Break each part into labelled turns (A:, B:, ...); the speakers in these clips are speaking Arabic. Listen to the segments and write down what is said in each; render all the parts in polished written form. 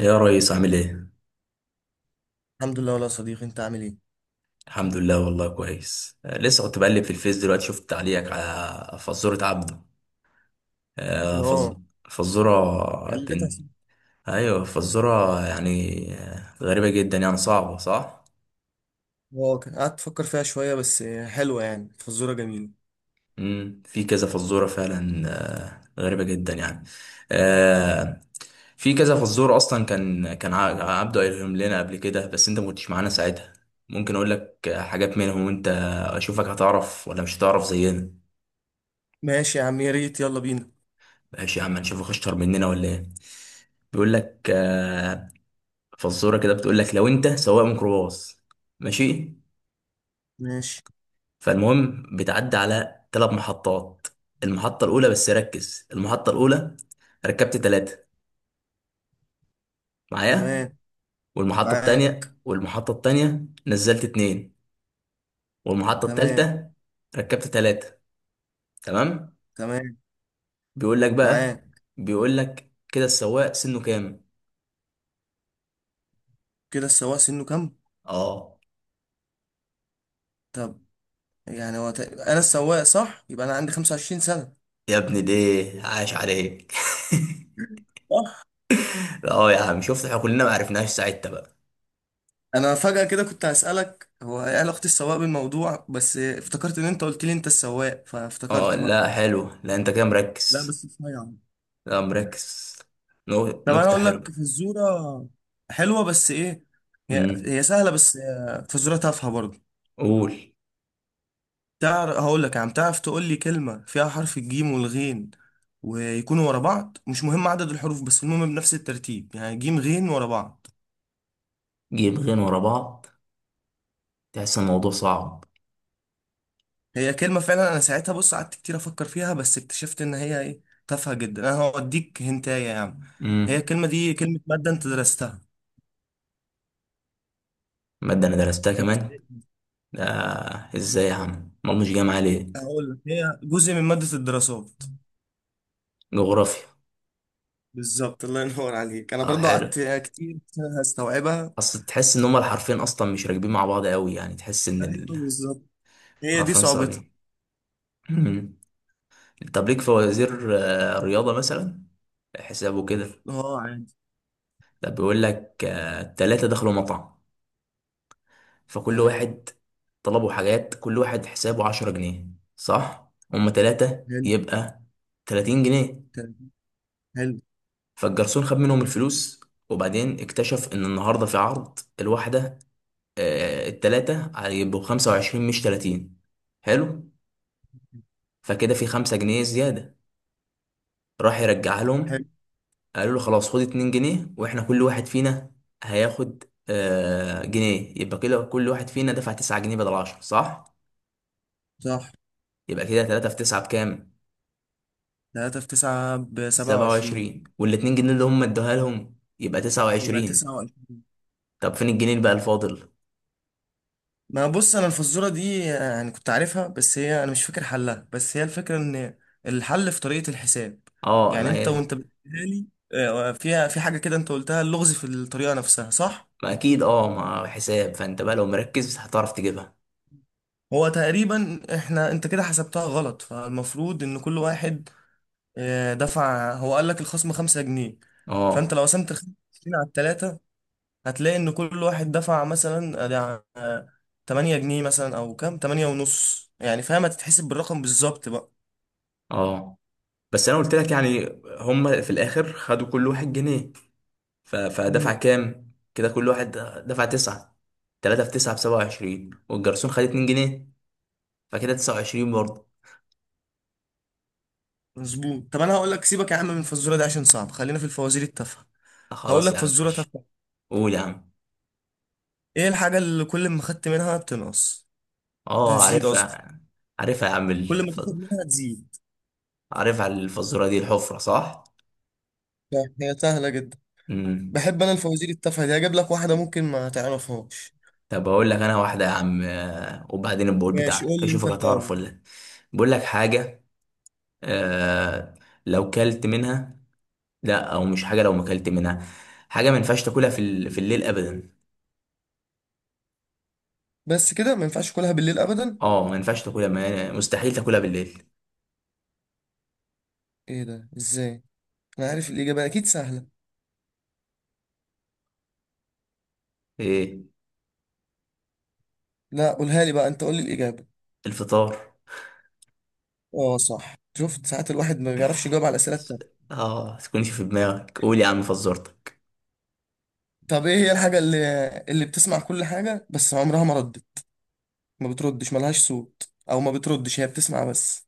A: يا ريس عامل ايه؟
B: الحمد لله، والله يا صديقي. انت عامل ايه؟
A: الحمد لله والله كويس، لسه كنت بقلب في الفيس دلوقتي، شفت تعليقك على فزورة عبده. آه، فز...
B: اه.
A: فزورة
B: حلتها
A: بنت.
B: س-
A: ايوه فزورة، يعني غريبة جدا، يعني صعبة صح؟
B: اه، كان قعدت افكر فيها شويه، بس حلوه يعني، فزوره جميله.
A: مم. في كذا فزورة فعلا. غريبة جدا يعني. آه، في كذا فزورة اصلا. كان عبده قايلهم لنا قبل كده، بس انت ما كنتش معانا ساعتها. ممكن اقول لك حاجات منهم، وانت اشوفك هتعرف ولا مش هتعرف زينا.
B: ماشي يا عم، يا ريت، يلا بينا.
A: ماشي يا عم، نشوفك اشطر مننا ولا ايه. بيقول لك فزوره كده بتقول لك، لو انت سواق ميكروباص ماشي،
B: ماشي.
A: فالمهم بتعدي على 3 محطات. المحطه الاولى، بس ركز، المحطه الاولى ركبت ثلاثه معايا،
B: تمام.
A: والمحطه
B: معاك.
A: الثانيه، والمحطه الثانيه نزلت اتنين، والمحطه
B: تمام.
A: الثالثه ركبت ثلاثه، تمام.
B: تمام.
A: بيقول لك
B: معاك.
A: بقى، بيقول لك كده السواق سنه كام.
B: كده السواق سنه كام؟
A: اه
B: طب، يعني هو انا السواق صح، يبقى انا عندي 25 سنه.
A: يا ابني ده، عاش عليك.
B: صح.
A: اه يا عم، شفت احنا كلنا ما عرفناش ساعتها بقى.
B: انا فجاه كده كنت هسالك هو ايه علاقه السواق بالموضوع، بس افتكرت ان انت قلت لي انت السواق،
A: اه
B: فافتكرت بقى.
A: لا حلو، لا انت كده
B: لا
A: مركز.
B: بس صحيح.
A: لا، مركز.
B: طب انا
A: نكتة
B: اقول لك
A: حلوة.
B: فزوره حلوه، بس ايه، هي
A: امم.
B: هي سهله، بس فزوره تافهه برضه.
A: قول.
B: تعرف؟ هقول لك يا عم، تعرف تقول لي كلمه فيها حرف الجيم والغين، ويكونوا ورا بعض، مش مهم عدد الحروف، بس المهم بنفس الترتيب، يعني جيم غين ورا بعض.
A: جيبين ورا بعض، تحس الموضوع صعب.
B: هي كلمه فعلا، انا ساعتها بص قعدت كتير افكر فيها، بس اكتشفت ان هي ايه، تافهه جدا. انا هوديك هنتايه يا عم. هي
A: امم.
B: الكلمه دي كلمه ماده انت درستها
A: مادة انا درستها
B: في
A: كمان؟
B: ابتدائي.
A: ده ازاي يا عم، ما مش جاي معايا ليه.
B: هقول لك، هي جزء من ماده الدراسات.
A: جغرافيا.
B: بالظبط، الله ينور عليك. انا
A: طب
B: برضو
A: حلو.
B: قعدت كتير هستوعبها.
A: اصل تحس ان هما الحرفين اصلا مش راكبين مع بعض قوي، يعني تحس ان
B: ايوه بالظبط، هي دي
A: الحرفين
B: صعوبتها.
A: صعبين. امم. طب ليك فوازير رياضة مثلا، حسابه كده.
B: اه عادي.
A: ده بيقول لك التلاتة دخلوا مطعم، فكل
B: تمام.
A: واحد طلبوا حاجات، كل واحد حسابه 10 جنيه، صح؟ هما تلاتة،
B: حلو.
A: يبقى 30 جنيه.
B: تمام. حلو.
A: فالجرسون خد منهم الفلوس، وبعدين اكتشف إن النهاردة في عرض الواحدة. التلاتة هيبقوا 25 مش تلاتين، حلو؟ فكده في 5 جنيه زيادة، راح يرجعها
B: حلو.
A: لهم. قالوا له خلاص خد 2 جنيه، واحنا كل واحد فينا هياخد آه جنيه. يبقى كده كل واحد فينا دفع 9 جنيه بدل 10، صح؟
B: صح.
A: يبقى كده 3 في 9 بكام.
B: 3 في 9 ب 27.
A: 27 وال 2 جنيه اللي هم ادوها لهم، يبقى
B: يبقى
A: 29.
B: 29.
A: طب فين الجنيه اللي بقى الفاضل.
B: ما بص، انا الفزوره دي يعني كنت عارفها، بس هي انا مش فاكر حلها، بس هي الفكره ان الحل في طريقه الحساب.
A: اه
B: يعني
A: ما
B: انت
A: هي،
B: وانت بتقولها لي، فيها في حاجه كده، انت قلتها، اللغز في الطريقه نفسها صح.
A: ما اكيد، اه ما حساب، فانت بقى لو مركز هتعرف تجيبها.
B: هو تقريبا احنا، انت كده حسبتها غلط، فالمفروض ان كل واحد دفع، هو قال لك الخصم خمسة جنيه. فانت
A: اه،
B: لو قسمت الخمسة جنيه على التلاتة، هتلاقي ان كل واحد دفع مثلا آه، ده، آه، تمانية جنيه مثلا، او كام، تمانية ونص، يعني فاهم، هتتحسب بالرقم بالظبط بقى.
A: اه. بس انا قلت لك يعني، هم في الاخر خدوا كل واحد جنيه، فدفع
B: امم.
A: كام كده كل واحد، دفع 9. 3 في 9 ب 27، والجرسون خد 2 جنيه، فكده 29 برضه.
B: مظبوط. طب انا هقول لك، سيبك يا عم من الفزوره دي عشان صعب، خلينا في الفوازير التافهه. هقول
A: خلاص يا
B: لك
A: عم
B: فزوره
A: ماشي.
B: تافهه.
A: قول يا عم.
B: ايه الحاجه اللي كل ما خدت منها بتنقص،
A: اه
B: بتزيد قصدي،
A: عارفها. عارفها يا عم،
B: كل ما تاخد منها تزيد؟
A: عارفها الفزورة دي، الحفرة صح؟
B: هي سهله جدا.
A: امم.
B: بحب انا الفوازير التافهه دي، هجيب لك واحده ممكن ما تعرفهاش.
A: طب هقول لك انا واحدة يا عم، وبعدين البقول
B: ماشي، قول
A: بتاعتك
B: لي انت
A: اشوفك هتعرف
B: الاول.
A: ولا لا. بقول لك حاجة، آه... لو كلت منها، لا او مش حاجة، لو ما كلت منها حاجة، ما ينفعش تاكلها في في الليل ابدا.
B: بس كده، ما ينفعش اكلها بالليل ابدا.
A: اه ما ينفعش تاكلها، ما... مستحيل تاكلها بالليل.
B: ايه ده، ازاي؟ انا عارف الاجابه اكيد سهله.
A: ايه،
B: لا قولها لي بقى، انت قول لي الاجابه.
A: الفطار.
B: اه صح، شفت ساعات الواحد ما بيعرفش يجاوب على الاسئله
A: س-
B: التانية.
A: اه تكونش في دماغك، قول يا عم فزورتك.
B: طب ايه هي الحاجه اللي بتسمع كل حاجه بس عمرها ما ردت، ما بتردش، ملهاش صوت، او ما بتردش، هي بتسمع بس؟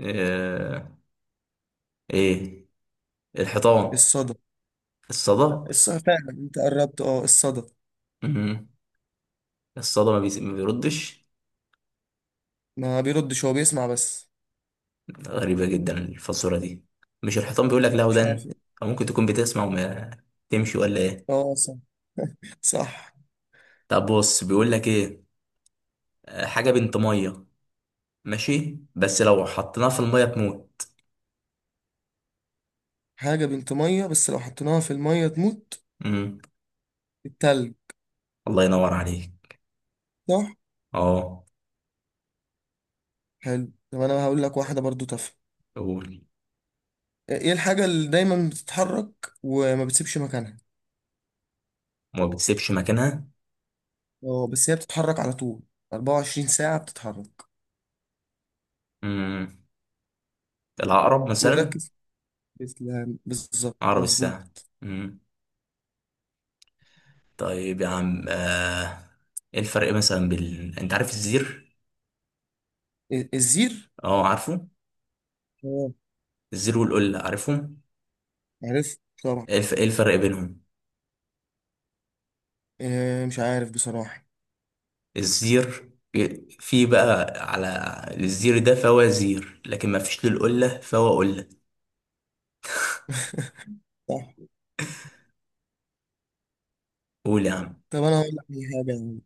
A: آه... ايه، الحيطان،
B: الصدى. لا
A: الصدى.
B: الصدى فعلا، انت قربت، اه الصدى،
A: مم. الصدى ما بيردش.
B: ما بيردش هو بيسمع بس.
A: غريبة جدا الفزورة دي. مش الحيطان، بيقول لك لا
B: مش عارف
A: ودن،
B: ايه.
A: او ممكن تكون بتسمع وما تمشي، ولا ايه.
B: اه صح. صح.
A: طب بص بيقول لك ايه، حاجة بنت مية ماشي، بس لو حطيناها في المية تموت.
B: حاجه بنت ميه بس لو حطيناها في الميه تموت.
A: مم.
B: التلج.
A: الله ينور عليك.
B: صح.
A: اه.
B: حلو، طب انا هقول لك واحده برضو تافهه.
A: قول.
B: ايه الحاجه اللي دايما بتتحرك وما بتسيبش مكانها؟
A: وما بتسيبش مكانها.
B: اه بس، هي بتتحرك على طول، 24 ساعه بتتحرك.
A: مم. العقرب مثلا،
B: وركز. تسلم، بالظبط،
A: عقرب الساعة.
B: مظبوط.
A: مم. طيب يا عم، ايه الفرق مثلا، بال انت عارف الزير.
B: إيه، الزير.
A: اه عارفه.
B: اه
A: الزير والقلة عارفهم.
B: عرفت طبعا.
A: إيه الفرق بينهم؟
B: إيه مش عارف بصراحه.
A: الزير إيه، في بقى على الزير ده فهو زير، لكن ما فيش للقلة فهو قلة.
B: صح.
A: قول يا عم.
B: طب انا هقول لك على حاجه يعني.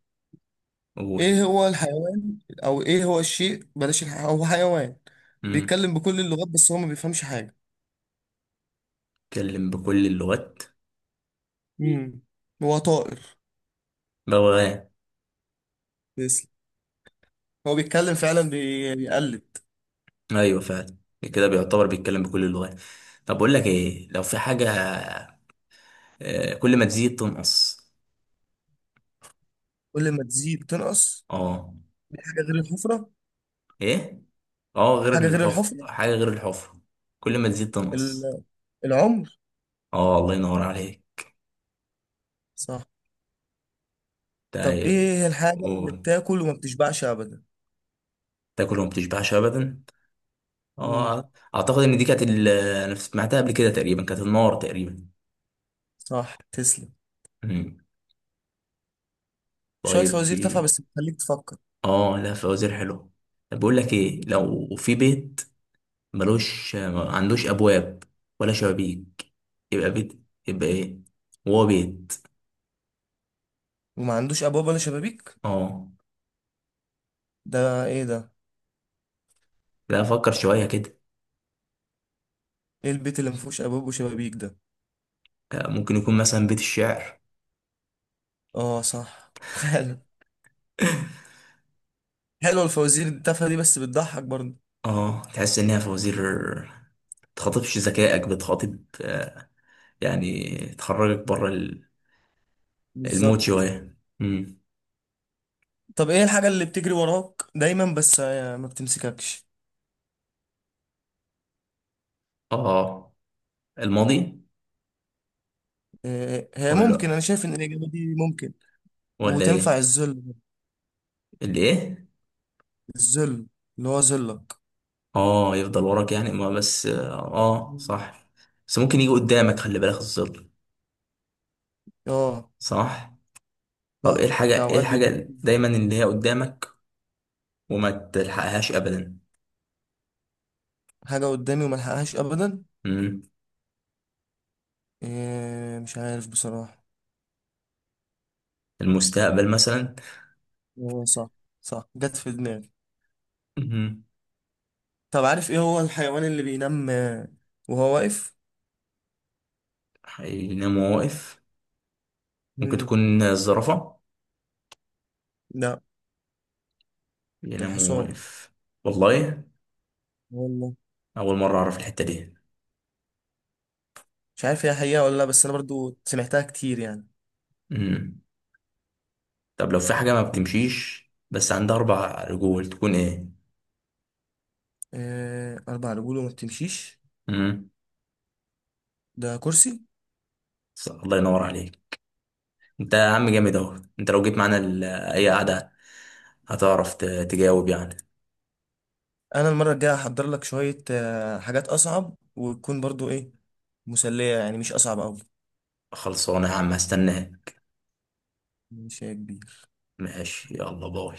A: قول.
B: ايه هو الحيوان، او ايه هو الشيء، هو حيوان
A: مم.
B: بيتكلم بكل اللغات، بس هو ما بيفهمش حاجه.
A: بيتكلم بكل اللغات،
B: امم. هو طائر
A: بغبغان.
B: بس، هو بيتكلم فعلا بيقلد.
A: ايوه فعلا، كده بيعتبر بيتكلم بكل اللغات. طب اقول لك ايه، لو في حاجة كل ما تزيد تنقص.
B: كل ما تزيد تنقص.
A: اه.
B: دي حاجة غير الحفرة.
A: ايه، اه غير
B: حاجة غير
A: الحفر،
B: الحفرة.
A: حاجة غير الحفر، كل ما تزيد تنقص.
B: ال- العمر.
A: اه الله ينور عليك.
B: صح. طب
A: تا-
B: ايه هي الحاجة اللي
A: و-
B: بتاكل وما بتشبعش ابدا؟
A: تاكل وما بتشبعش ابدا.
B: امم.
A: اه اعتقد ان دي كانت انا سمعتها قبل كده تقريبا، كانت النار تقريبا.
B: صح تسلم.
A: مم.
B: شوية
A: طيب
B: فوازير تافهة،
A: في.
B: بس بتخليك تفكر.
A: اه لا فوازير حلو. طب بقول لك ايه، لو في بيت ملوش، ما عندوش ابواب ولا شبابيك، يبقى بيت، يبقى ايه، هو بيت.
B: وما عندوش ابواب ولا شبابيك.
A: اه
B: ده ايه ده؟
A: لا، فكر شوية كده.
B: ايه البيت اللي ما فيهوش ابواب وشبابيك ده؟
A: ممكن يكون مثلا بيت الشعر.
B: اه صح، فعلا. حلوة الفوازير التافهة دي، بس بتضحك برضه.
A: اه تحس انها فوازير، تخاطبش ذكائك، بتخاطب يعني تخرجك بره المود
B: بالظبط.
A: شوية. امم.
B: طب ايه الحاجة اللي بتجري وراك دايما، بس ما بتمسككش؟
A: اه الماضي.
B: هي ممكن،
A: ولا،
B: انا شايف ان الاجابة دي ممكن
A: ولا
B: وتنفع
A: ايه.
B: الذل.
A: اللي ايه.
B: الذل، اللي هو ذلك.
A: اه يفضل وراك يعني، ما بس اه
B: مم.
A: صح. بس ممكن يجي قدامك، خلي بالك، الظل.
B: اه
A: صح.
B: ده
A: طب ايه
B: ده
A: الحاجة، ايه
B: اوقات بيبقى
A: الحاجة دايما اللي هي قدامك، وما تلحقهاش ابدا.
B: حاجة قدامي وملحقهاش ابدا.
A: امم.
B: إيه مش عارف بصراحة.
A: المستقبل مثلا.
B: هو صح، صح، جت في دماغي.
A: امم.
B: طب عارف ايه هو الحيوان اللي بينام وهو واقف؟
A: حينام وهو واقف، ممكن
B: مم.
A: تكون الزرافة،
B: لا
A: ينام
B: الحصان.
A: واقف. والله.
B: والله.
A: أول مرة أعرف الحتة دي.
B: مش عارف هي حقيقة ولا لا، بس انا برضو سمعتها كتير يعني.
A: مم. طب لو في حاجة ما بتمشيش، بس عندها أربع رجول، تكون إيه؟
B: إيه اربع رجول وما بتمشيش؟
A: مم.
B: ده كرسي.
A: الله ينور عليك. أنت يا عم جامد أهو، أنت لو جيت معانا أي قعدة هتعرف تجاوب يعني.
B: انا المره الجايه هحضر لك شويه حاجات اصعب، وتكون برضو ايه، مسليه يعني، مش اصعب قوي.
A: خلصانة يا عم، هستناك.
B: مش هي كبير.
A: ماشي يلا باي.